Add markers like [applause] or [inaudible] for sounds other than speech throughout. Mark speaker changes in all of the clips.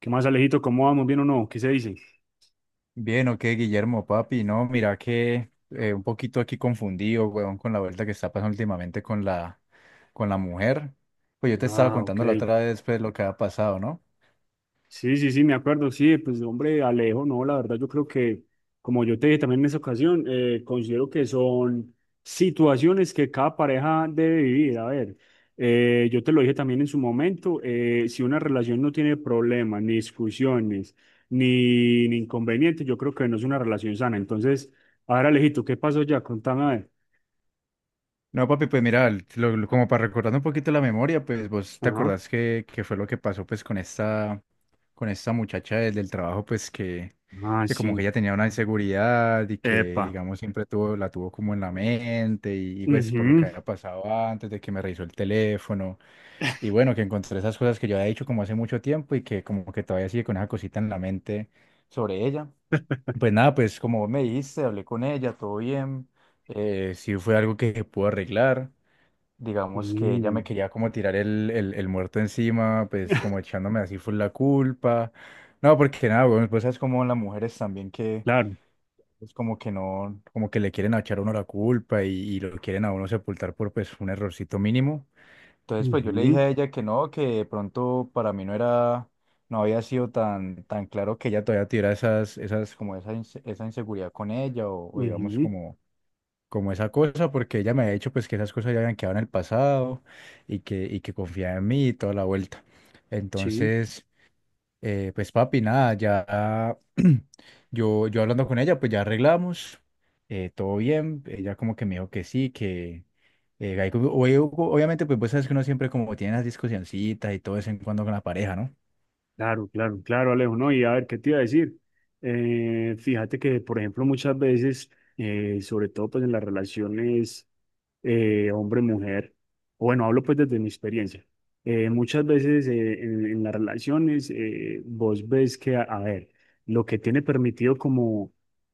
Speaker 1: ¿Qué más, Alejito? ¿Cómo vamos? ¿Bien o no? ¿Qué se dice?
Speaker 2: Bien, ok, Guillermo, papi, no, mira que un poquito aquí confundido, weón, con la vuelta que está pasando últimamente con la mujer. Pues yo te estaba
Speaker 1: Ah, ok.
Speaker 2: contando la otra vez, pues, lo que ha pasado, ¿no?
Speaker 1: Sí, sí, sí, me acuerdo. Sí, pues hombre, Alejo, no, la verdad yo creo que, como yo te dije también en esa ocasión, considero que son situaciones que cada pareja debe vivir. A ver, yo te lo dije también en su momento, si una relación no tiene problemas, ni discusiones, ni inconvenientes, yo creo que no es una relación sana. Entonces, a ver, Alejito, ¿qué pasó ya? Contame a ver.
Speaker 2: No, papi, pues mira, como para recordar un poquito la memoria, pues vos te
Speaker 1: Ajá.
Speaker 2: acordás que fue lo que pasó, pues, con esta muchacha del trabajo, pues,
Speaker 1: Ah,
Speaker 2: que como que
Speaker 1: sí.
Speaker 2: ella tenía una inseguridad y que,
Speaker 1: Epa.
Speaker 2: digamos, siempre tuvo, la tuvo como en la mente y pues, por lo
Speaker 1: Ujú.
Speaker 2: que había pasado antes de que me revisó el teléfono. Y bueno, que encontré esas cosas que yo había dicho como hace mucho tiempo y que como que todavía sigue con esa cosita en la mente sobre ella.
Speaker 1: [laughs]
Speaker 2: Pues nada, pues como vos me dijiste, hablé con ella, todo bien. Sí fue algo que se pudo arreglar. Digamos que ella me
Speaker 1: Mm,
Speaker 2: quería como tirar el muerto encima, pues como
Speaker 1: [laughs]
Speaker 2: echándome así fue la culpa. No, porque nada, bueno, pues es como las mujeres también que
Speaker 1: claro.
Speaker 2: es como que no, como que le quieren echar a uno la culpa y lo quieren a uno sepultar por pues un errorcito mínimo. Entonces, pues yo le dije
Speaker 1: Ujú,
Speaker 2: a ella que no, que de pronto para mí no era, no había sido tan, tan claro que ella todavía tuviera como esa, esa inseguridad con ella o digamos
Speaker 1: ujú,
Speaker 2: como, como esa cosa, porque ella me había dicho pues que esas cosas ya habían quedado en el pasado y y que confiaba en mí y toda la vuelta.
Speaker 1: sí,
Speaker 2: Entonces, pues papi, nada, ya [clears throat] yo hablando con ella, pues ya arreglamos, todo bien, ella como que me dijo que sí, que hay como- oye, Hugo, obviamente pues vos sabes que uno siempre como tiene las discusioncitas y todo de vez en cuando con la pareja, ¿no?
Speaker 1: claro, claro, claro, Alejo, ¿no? Y a ver, ¿qué te iba a decir? Fíjate que, por ejemplo, muchas veces, sobre todo pues en las relaciones hombre, mujer, bueno, hablo pues desde mi experiencia. Muchas veces en las relaciones vos ves que, a ver, lo que tiene permitido como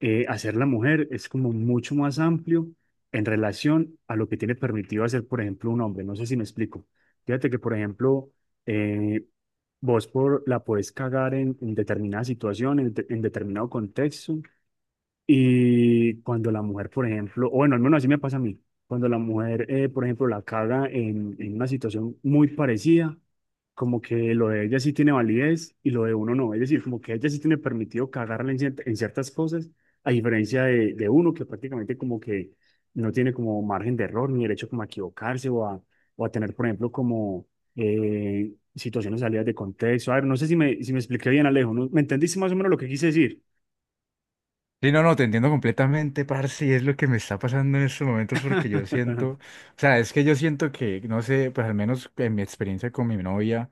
Speaker 1: hacer la mujer es como mucho más amplio en relación a lo que tiene permitido hacer, por ejemplo, un hombre. No sé si me explico. Fíjate que, por ejemplo, eh, vos por, la podés cagar en determinada situación, en determinado contexto, y cuando la mujer, por ejemplo, o bueno, al menos así me pasa a mí, cuando la mujer, por ejemplo, la caga en una situación muy parecida, como que lo de ella sí tiene validez y lo de uno no. Es decir, como que ella sí tiene permitido cagarla en ciertas cosas, a diferencia de uno que prácticamente como que no tiene como margen de error ni derecho como a equivocarse o a tener, por ejemplo, como situaciones salidas de contexto. A ver, no sé si me expliqué bien, Alejo, ¿no? ¿Me entendiste más o menos lo que quise decir?
Speaker 2: Sí, no, no, te entiendo completamente, parce, y es lo que me está pasando en estos momentos porque yo siento, o
Speaker 1: [laughs]
Speaker 2: sea, es que yo siento que, no sé, pues al menos en mi experiencia con mi novia,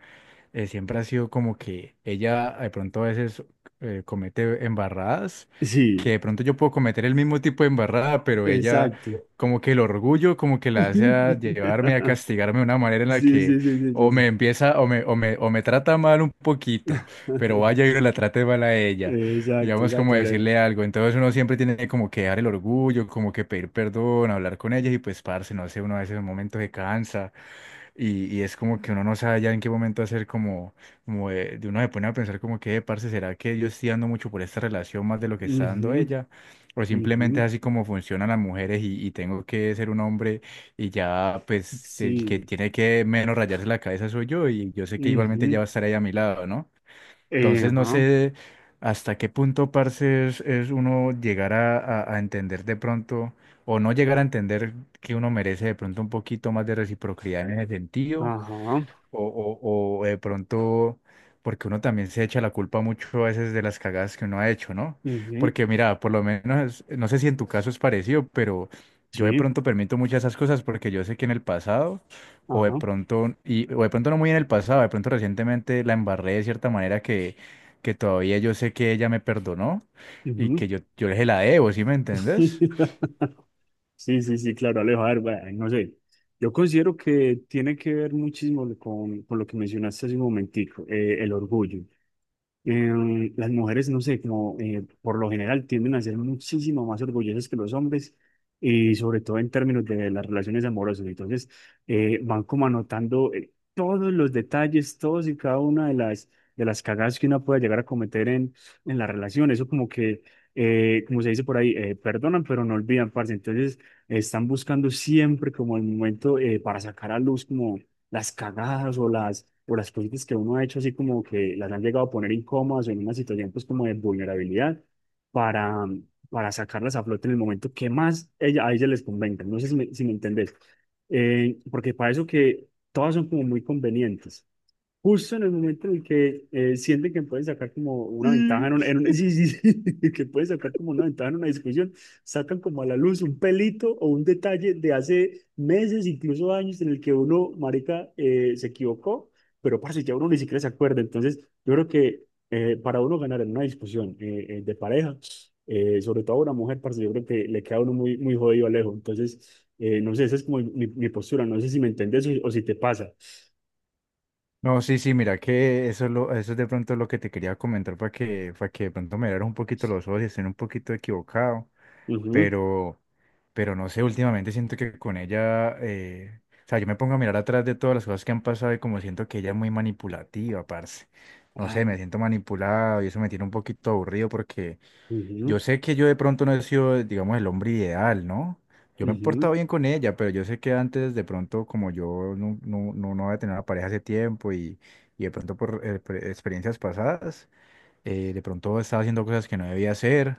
Speaker 2: siempre ha sido como que ella de pronto a veces comete embarradas, que
Speaker 1: Sí.
Speaker 2: de pronto yo puedo cometer el mismo tipo de embarrada, pero ella
Speaker 1: Exacto.
Speaker 2: como que el orgullo como que la hace a llevarme a
Speaker 1: [laughs]
Speaker 2: castigarme de una manera en la
Speaker 1: Sí,
Speaker 2: que
Speaker 1: sí, sí, sí, sí,
Speaker 2: o me
Speaker 1: sí.
Speaker 2: empieza o me trata mal un poquito, pero
Speaker 1: [laughs]
Speaker 2: vaya y no la trate mal a ella,
Speaker 1: Exacto,
Speaker 2: digamos como
Speaker 1: exacto. Ale.
Speaker 2: decirle algo, entonces uno siempre tiene como que dar el orgullo, como que pedir perdón, hablar con ella y pues parce, no sé, uno a veces en un momento se cansa y es como que uno no sabe ya en qué momento hacer como, como de uno se pone a pensar como que, parce, ¿será que yo estoy dando mucho por esta relación más de lo que está
Speaker 1: Ujú,
Speaker 2: dando ella? O simplemente
Speaker 1: ujú,
Speaker 2: es así como funcionan las mujeres y tengo que ser un hombre y ya pues el que
Speaker 1: sí,
Speaker 2: tiene que menos rayarse la cabeza soy yo y yo sé que igualmente ya
Speaker 1: ujú,
Speaker 2: va a estar ahí a mi lado, ¿no? Entonces no
Speaker 1: ajá,
Speaker 2: sé hasta qué punto, parce, es uno llegar a, a entender de pronto, o no llegar a entender que uno merece de pronto un poquito más de reciprocidad en ese sentido,
Speaker 1: ajá,
Speaker 2: o, o de pronto, porque uno también se echa la culpa mucho a veces de las cagadas que uno ha hecho, ¿no?
Speaker 1: ujú,
Speaker 2: Porque mira, por lo menos, no sé si en tu caso es parecido, pero yo de
Speaker 1: sí.
Speaker 2: pronto permito muchas de esas cosas porque yo sé que en el pasado, o de
Speaker 1: Ajá.
Speaker 2: pronto, o de pronto no muy en el pasado, de pronto recientemente la embarré de cierta manera que todavía yo sé que ella me perdonó y
Speaker 1: Ujú.
Speaker 2: que yo le la debo, ¿sí me entendés?
Speaker 1: [laughs] Sí, sí, sí, claro, Alejo. A ver, bueno, no sé. Yo considero que tiene que ver muchísimo con lo que mencionaste hace un momentico, el orgullo. Las mujeres, no sé, como por lo general tienden a ser muchísimo más orgullosas que los hombres y sobre todo en términos de las relaciones amorosas. Entonces, van como anotando todos los detalles, todos y cada una de las cagadas que uno puede llegar a cometer en la relación. Eso como que, como se dice por ahí, perdonan, pero no olvidan, parce. Entonces, están buscando siempre como el momento para sacar a luz como las cagadas o las cositas que uno ha hecho así como que las han llegado a poner incómodas o en una situación pues como de vulnerabilidad para, para sacarlas a flote en el momento que más ella, a ella les convenga. No sé si me entendés. Porque para eso que todas son como muy convenientes. Justo en el momento en el que sienten que pueden sacar como una ventaja [laughs] sí, sí, sí, que pueden sacar como una ventaja en una discusión, sacan como a la luz un pelito o un detalle de hace meses, incluso años, en el que uno, marica, se equivocó, pero parce, ya uno ni siquiera se acuerda. Entonces, yo creo que para uno ganar en una discusión de pareja, sobre todo a una mujer, parce, yo creo que le queda a uno muy, muy jodido lejos. Entonces, no sé, esa es como mi postura, no sé si me entiendes o si te pasa.
Speaker 2: No, sí, sí, mira que eso es, lo, eso es de pronto lo que te quería comentar para para que de pronto me dieras un poquito los ojos y estén un poquito equivocado,
Speaker 1: Ujú.
Speaker 2: pero, pero no sé, últimamente siento que con ella, o sea, yo me pongo a mirar atrás de todas las cosas que han pasado y como siento que ella es muy manipulativa, parce. No sé, me siento manipulado y eso me tiene un poquito aburrido porque
Speaker 1: Ujú,
Speaker 2: yo sé que yo de pronto no he sido, digamos, el hombre ideal, ¿no? Yo me he
Speaker 1: ujú,
Speaker 2: portado bien con ella, pero yo sé que antes de pronto, como yo no había tenido una pareja hace tiempo y de pronto por experiencias pasadas, de pronto estaba haciendo cosas que no debía hacer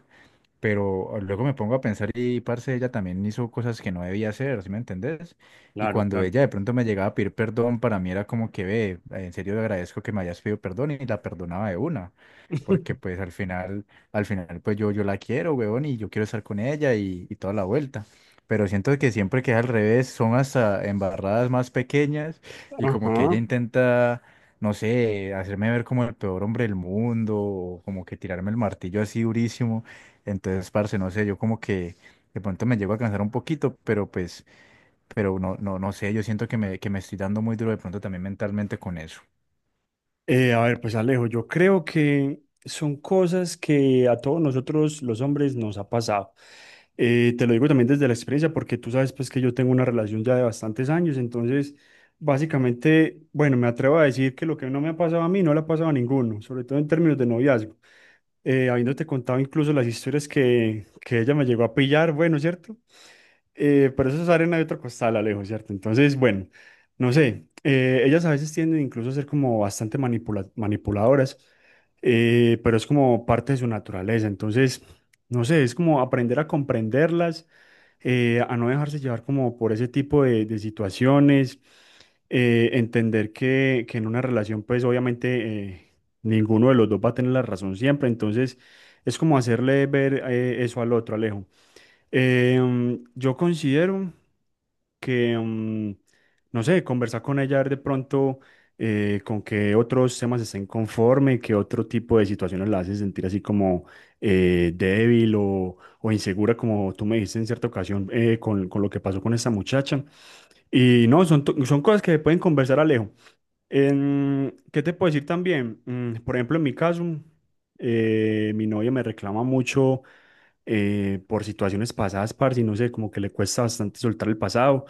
Speaker 2: pero luego me pongo a pensar y, parce, ella también hizo cosas que no debía hacer, ¿sí me entendés? Y
Speaker 1: claro,
Speaker 2: cuando
Speaker 1: claro.
Speaker 2: ella de pronto me llegaba a pedir perdón, para mí era como que, ve, en serio le agradezco que me hayas pedido perdón y la perdonaba de una. Porque
Speaker 1: [laughs]
Speaker 2: pues al final pues yo la quiero, weón, y yo quiero estar con ella y toda la vuelta. Pero siento que siempre que es al revés, son hasta embarradas más pequeñas y como que ella
Speaker 1: Ajá.
Speaker 2: intenta no sé, hacerme ver como el peor hombre del mundo, o como que tirarme el martillo así durísimo. Entonces, parce, no sé, yo como que de pronto me llego a cansar un poquito, pero pues, pero no, no, no sé, yo siento que me estoy dando muy duro de pronto también mentalmente con eso.
Speaker 1: A ver, pues Alejo, yo creo que son cosas que a todos nosotros los hombres nos ha pasado. Te lo digo también desde la experiencia porque tú sabes pues que yo tengo una relación ya de bastantes años, entonces básicamente, bueno, me atrevo a decir que lo que no me ha pasado a mí no le ha pasado a ninguno, sobre todo en términos de noviazgo. Habiéndote contado incluso las historias que ella me llegó a pillar, bueno, ¿cierto? Pero eso es arena de otro costal, Alejo, ¿cierto? Entonces, bueno, no sé, ellas a veces tienden incluso a ser como bastante manipuladoras, pero es como parte de su naturaleza. Entonces, no sé, es como aprender a comprenderlas, a no dejarse llevar como por ese tipo de situaciones, entender que en una relación, pues obviamente ninguno de los dos va a tener la razón siempre. Entonces, es como hacerle ver eso al otro, Alejo. Yo considero que, mm, no sé, conversar con ella, ver de pronto con qué otros temas estén conforme, qué otro tipo de situaciones la hacen sentir así como débil o insegura, como tú me dijiste en cierta ocasión con lo que pasó con esa muchacha. Y no, son, son cosas que pueden conversar Alejo. En- ¿qué te puedo decir también? Mm, por ejemplo, en mi caso, mi novia me reclama mucho por situaciones pasadas, parce, y no sé, como que le cuesta bastante soltar el pasado.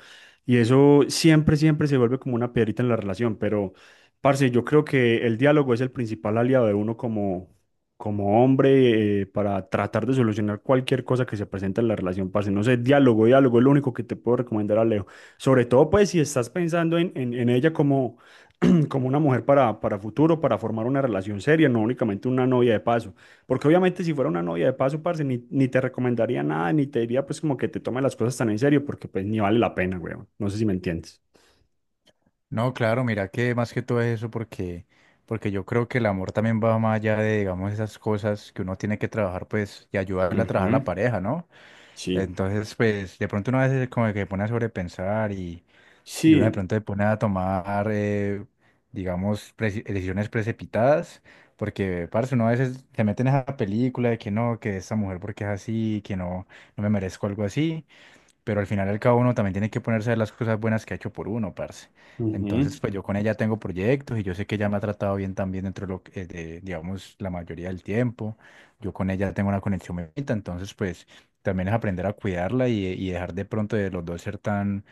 Speaker 1: Y eso siempre, siempre se vuelve como una piedrita en la relación. Pero, parce, yo creo que el diálogo es el principal aliado de uno como, como hombre para tratar de solucionar cualquier cosa que se presente en la relación, parce. No sé, diálogo, diálogo es lo único que te puedo recomendar a Leo. Sobre todo, pues, si estás pensando en ella como como una mujer para futuro, para formar una relación seria, no únicamente una novia de paso. Porque obviamente si fuera una novia de paso, parce, ni, ni te recomendaría nada, ni te diría pues como que te tomes las cosas tan en serio, porque pues ni vale la pena, weón. No sé si me entiendes.
Speaker 2: No, claro, mira que más que todo es eso porque yo creo que el amor también va más allá de, digamos, esas cosas que uno tiene que trabajar, pues, y ayudarle a trabajar a la
Speaker 1: Ujú,
Speaker 2: pareja, ¿no?
Speaker 1: sí,
Speaker 2: Entonces, pues, de pronto uno a veces como que se pone a sobrepensar y uno de
Speaker 1: sí,
Speaker 2: pronto se pone a tomar, digamos, decisiones precipitadas, porque, parce, uno a veces se mete en esa película de que no, que esta mujer porque es así, que no, no me merezco algo así, pero al final y al cabo uno también tiene que ponerse a ver las cosas buenas que ha hecho por uno, parce. Entonces,
Speaker 1: ujú.
Speaker 2: pues yo con ella tengo proyectos y yo sé que ella me ha tratado bien también dentro de lo que, digamos, la mayoría del tiempo. Yo con ella tengo una conexión muy bonita, entonces, pues también es aprender a cuidarla y dejar de pronto de los dos ser tan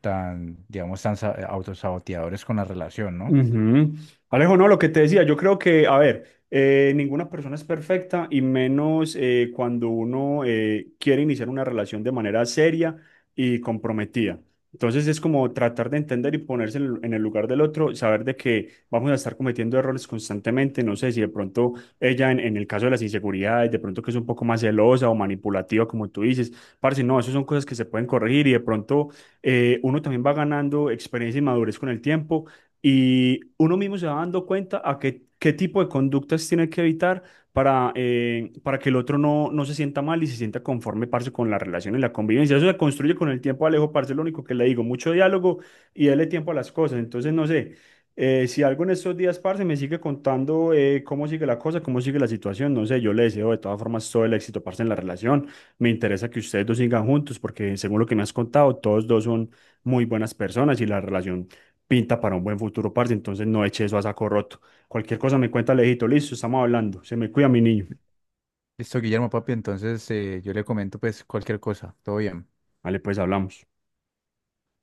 Speaker 2: tan, digamos, autosaboteadores con la relación, ¿no?
Speaker 1: Ujú. Alejo, no, lo que te decía, yo creo que, a ver, ninguna persona es perfecta y menos cuando uno quiere iniciar una relación de manera seria y comprometida. Entonces es como tratar de entender y ponerse en el lugar del otro, saber de que vamos a estar cometiendo errores constantemente. No sé si de pronto ella, en el caso de las inseguridades, de pronto que es un poco más celosa o manipulativa, como tú dices, parce, no, eso son cosas que se pueden corregir y de pronto uno también va ganando experiencia y madurez con el tiempo y uno mismo se va dando cuenta a qué, qué tipo de conductas tiene que evitar para que el otro no, no se sienta mal y se sienta conforme, parce, con la relación y la convivencia. Eso se construye con el tiempo, Alejo, parce, lo único que le digo, mucho diálogo y darle tiempo a las cosas. Entonces, no sé, si algo en estos días, parce, me sigue contando cómo sigue la cosa, cómo sigue la situación, no sé, yo le deseo de todas formas todo el éxito, parce, en la relación. Me interesa que ustedes dos sigan juntos porque según lo que me has contado, todos dos son muy buenas personas y la relación pinta para un buen futuro, parce, entonces no eche eso a saco roto. Cualquier cosa me cuenta Alejito, listo, estamos hablando. Se me cuida mi niño.
Speaker 2: Listo, Guillermo, papi, entonces yo le comento pues cualquier cosa, todo bien.
Speaker 1: Vale, pues hablamos.